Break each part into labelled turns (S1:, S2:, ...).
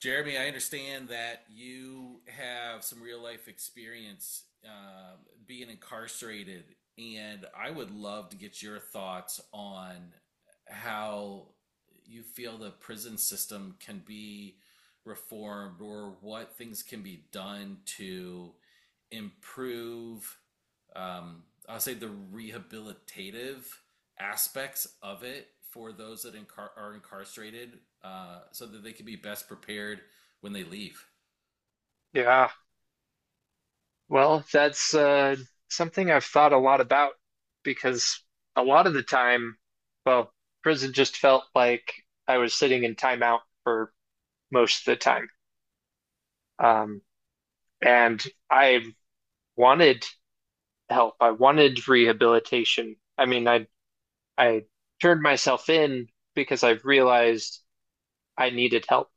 S1: Jeremy, I understand that you have some real life experience being incarcerated, and I would love to get your thoughts on how you feel the prison system can be reformed or what things can be done to improve, um, I'll say, the rehabilitative aspects of it for those that are incarcerated so that they can be best prepared when they leave.
S2: Yeah. Well, that's something I've thought a lot about because a lot of the time, well, prison just felt like I was sitting in timeout for most of the time. Um, and I wanted help. I wanted rehabilitation. I mean, I turned myself in because I realized I needed help.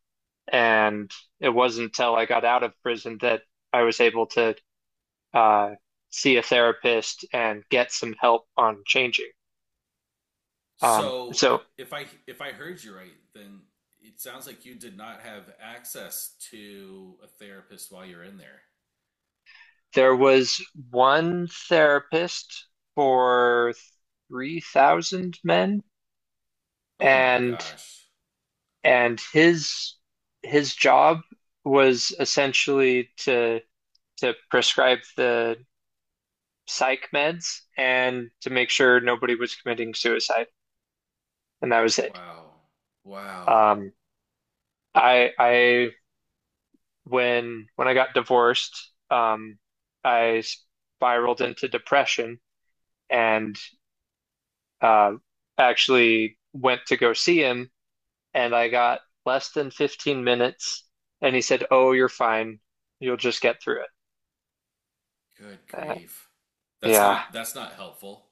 S2: And it wasn't until I got out of prison that I was able to uh, see a therapist and get some help on changing. Um,
S1: So
S2: so
S1: if I heard you right, then it sounds like you did not have access to a therapist while you're in there.
S2: there was one therapist for 3,000 men,
S1: Oh my
S2: and
S1: gosh.
S2: and his job was essentially to prescribe the psych meds and to make sure nobody was committing suicide, and that was it.
S1: Wow. Wow.
S2: Um, I When I got divorced, I spiraled into depression and uh, actually went to go see him, and I got less than 15 minutes, and he said, "Oh, you're fine. You'll just get through it."
S1: Good
S2: Uh,
S1: grief. That's
S2: yeah,
S1: not that's not helpful.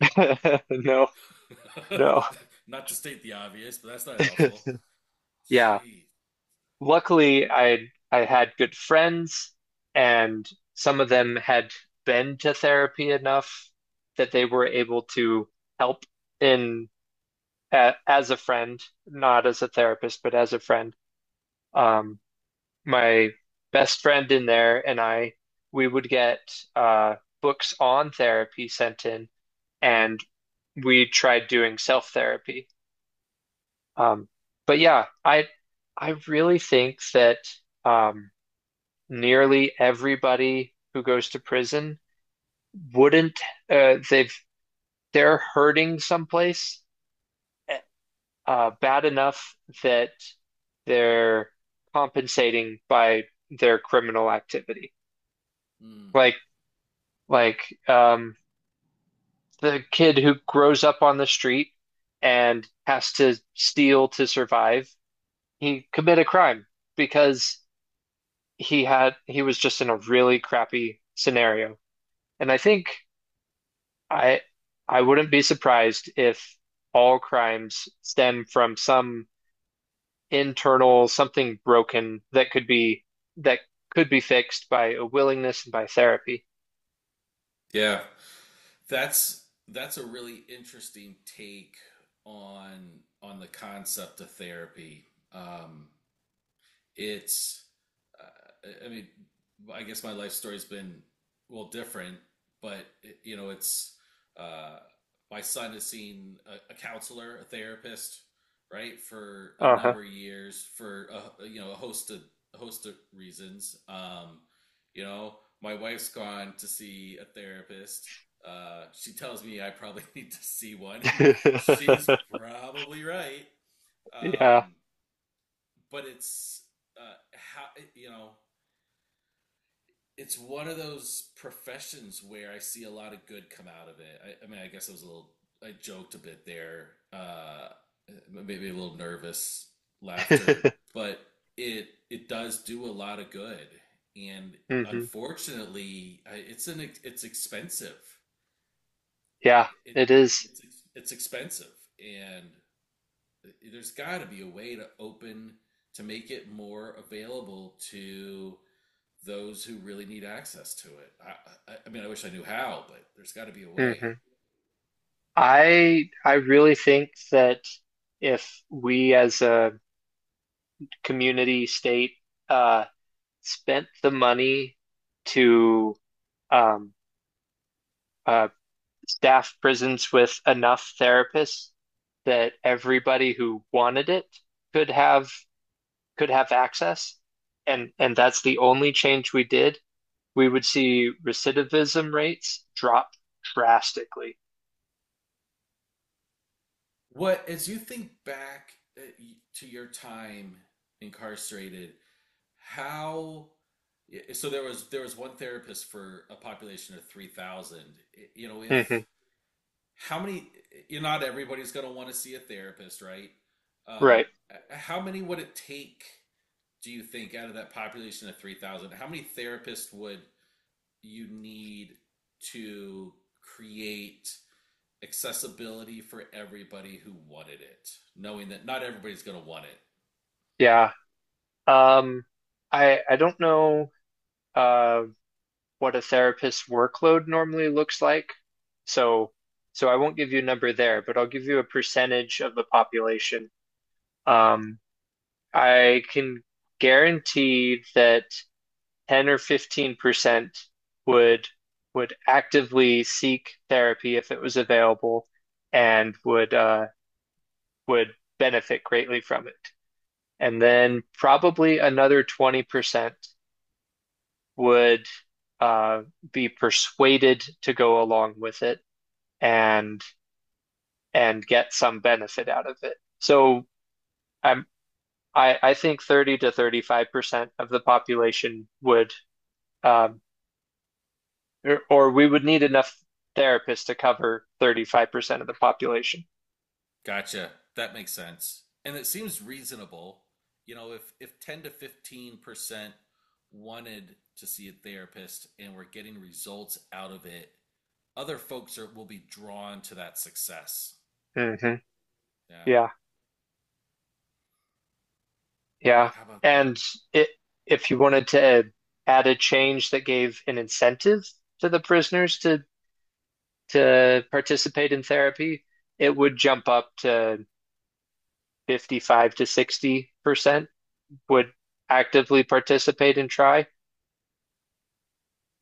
S2: no, no,
S1: Not to state the obvious, but that's not helpful.
S2: yeah.
S1: Gee.
S2: Luckily, I had good friends, and some of them had been to therapy enough that they were able to help in as a friend, not as a therapist, but as a friend. Um, my best friend in there and I, we would get uh, books on therapy sent in, and we tried doing self therapy. Um, but yeah, I really think that um, nearly everybody who goes to prison wouldn't they've they're hurting someplace eh, bad enough that they're compensating by their criminal activity.
S1: Hmm.
S2: Like like um, the kid who grows up on the street and has to steal to survive, he commit a crime because he was just in a really crappy scenario. And I think I I wouldn't be surprised if all crimes stem from some internal something broken that could be fixed by a willingness and by therapy.
S1: Yeah. That's a really interesting take on on the concept of therapy. Um, it's I, mean, I guess my life story's been well different, but you know, it's uh, my son has seen a counselor, a therapist, right, for a
S2: Uh-huh.
S1: number of years for a, a host of reasons. You know, my wife's gone to see a therapist. She tells me I probably need to see one, and she's probably right.
S2: Yeah.
S1: Um, but it's how you know it's one of those professions where I see a lot of good come out of it. I mean, I guess I was a little, I joked a bit there, maybe a little nervous laughter, but it does do a lot of good. And
S2: Hmm.
S1: unfortunately, it's expensive.
S2: Yeah,
S1: It
S2: it is.
S1: it's it's expensive, and there's got to be a way to open to make it more available to those who really need access to it. I mean, I wish I knew how, but there's got to be a way.
S2: Mm-hmm. I really think that if we as a community state uh spent the money to um uh staff prisons with enough therapists that everybody who wanted it could have could have access, and that's the only change we did, we would see recidivism rates drop drastically.
S1: What, as you think back uh, to your time incarcerated, how? So there was one therapist for a population of 3,000. You know,
S2: Hmm.
S1: if how many? You know, not everybody's going to want to see a therapist, right? Um,
S2: Right.
S1: how many would it take? Do you think out of that population of 3,000, how many therapists would you need to create accessibility for everybody who wanted it, knowing that not everybody's going to want it.
S2: Yeah. Um, I don't know uh what a therapist's workload normally looks like, so so I won't give you a number there,
S1: Sure.
S2: but I'll give you a percentage of the population. Um, I can guarantee that 10 or 15% would would actively seek therapy if it was available and would benefit greatly from it. And then probably another 20% would uh, be persuaded to go along with it and get some benefit out of it. So I'm I think 30 to 35% of the population would um, or we would need enough therapists to cover 35% of the population.
S1: Gotcha. That makes sense. And it seems reasonable. You know, if 10 to 15% wanted to see a therapist and we're getting results out of it, other folks are, will be drawn to that success.
S2: Hmm.
S1: Yeah.
S2: Yeah, yeah.
S1: How about that?
S2: And it, if you wanted to add a change that gave an incentive to the prisoners to participate in therapy, it would jump up to 55 to 60% would actively participate and try.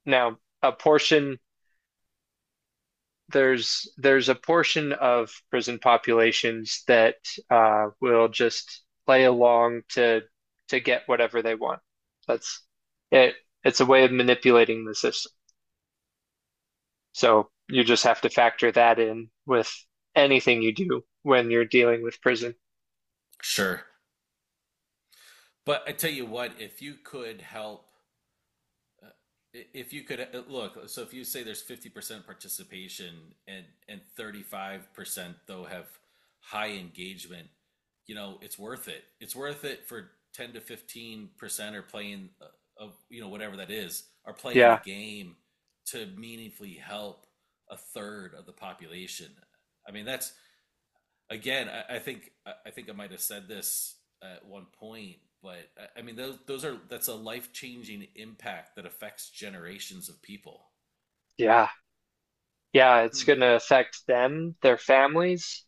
S2: Now, a portion there's a portion of prison populations that will just play along to get whatever they want. That's it. It's a way of manipulating the system. So you just have to factor that in with anything you do when you're dealing with prison.
S1: Sure. But I tell you what, if you could help Uh, If you could, look, so if you say there's 50% participation and 35% though have high engagement, you know, it's worth it. It's worth it for 10 to 15% are playing of, you know, whatever that is, are playing the
S2: Yeah,
S1: game to meaningfully help a third of the population. I mean, that's again, I think I think I might have said this at one point, but I mean those are that's a life changing impact that affects generations of people.
S2: yeah, yeah. It's
S1: Hmm.
S2: gonna affect them, their families.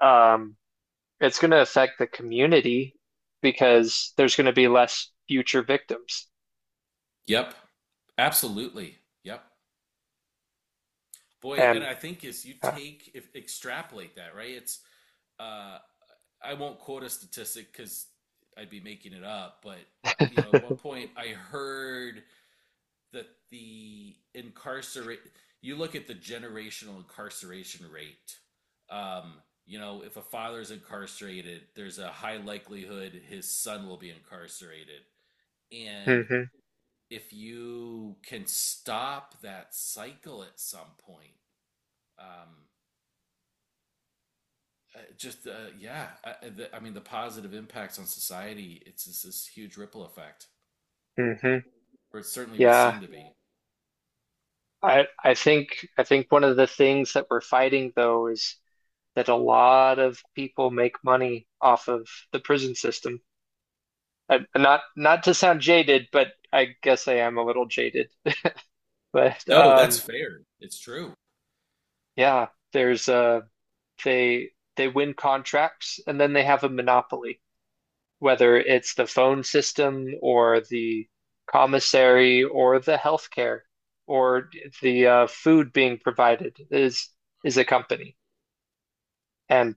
S2: Um, it's gonna affect the community because there's gonna be less future victims
S1: Yep, absolutely. Yep, boy, and
S2: and.
S1: I think as you
S2: uh,
S1: take if extrapolate that right, it's uh, I won't quote a statistic because I'd be making it up, but you know at one point I heard that the incarcerate you look at the generational incarceration rate. Um, you know, if a father's incarcerated, there's a high likelihood his son will be incarcerated. And
S2: hmm.
S1: if you can stop that cycle at some point, um, just yeah, I mean, the positive impacts on society, it's just this huge ripple effect,
S2: Hmm.
S1: or it certainly would
S2: Yeah.
S1: seem to be.
S2: I think one of the things that we're fighting though is that a lot of people make money off of the prison system. Not to sound jaded, but I guess I am a little jaded. But
S1: No, that's fair. It's true.
S2: yeah, there's they win contracts and then they have a monopoly. Whether it's the phone system or the commissary or the healthcare or the food being provided is a company. And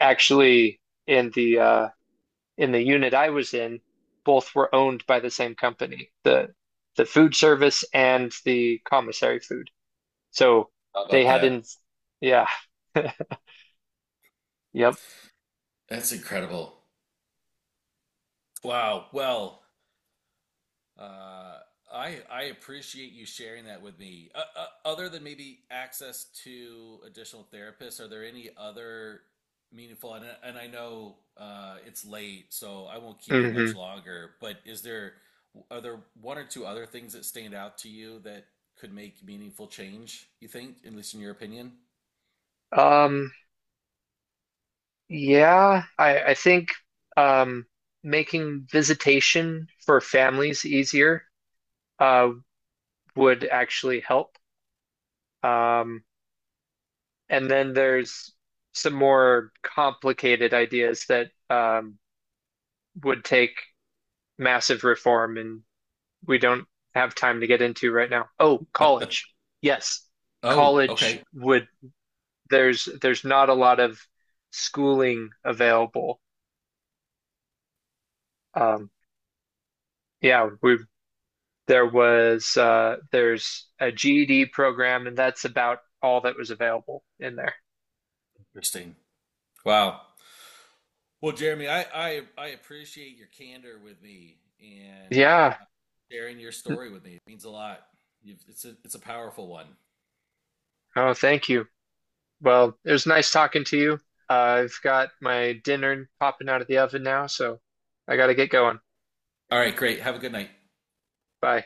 S2: actually, in the uh, in the unit I was in, both were owned by the same company, the food service and the commissary food. So
S1: How
S2: they
S1: about
S2: had
S1: that?
S2: not yeah, yep.
S1: That's incredible. Wow. Well, uh, I appreciate you sharing that with me. Other than maybe access to additional therapists, are there any other meaningful? And I know it's late, so I won't keep you
S2: Hmm.
S1: much longer. But is there are there one or two other things that stand out to you that could make meaningful change? You think, at least in your opinion?
S2: Um, Yeah, I think um, making visitation for families easier uh, would actually help. Um, and then there's some more complicated ideas that would take massive reform, and we don't have time to get into right now. Oh, college. Yes,
S1: Oh,
S2: college
S1: okay.
S2: would. There's not a lot of schooling available. Um, yeah, we There was there's a GED program, and that's about all that was available in there.
S1: Interesting. Wow. Well, Jeremy, I appreciate your candor with me and
S2: Yeah.
S1: sharing your story with me. It means a lot. It's a powerful one.
S2: Oh, thank you. Well, it was nice talking to you. Uh, I've got my dinner popping out of the oven now, so I gotta get going.
S1: All right, great. Have a good night.
S2: Bye.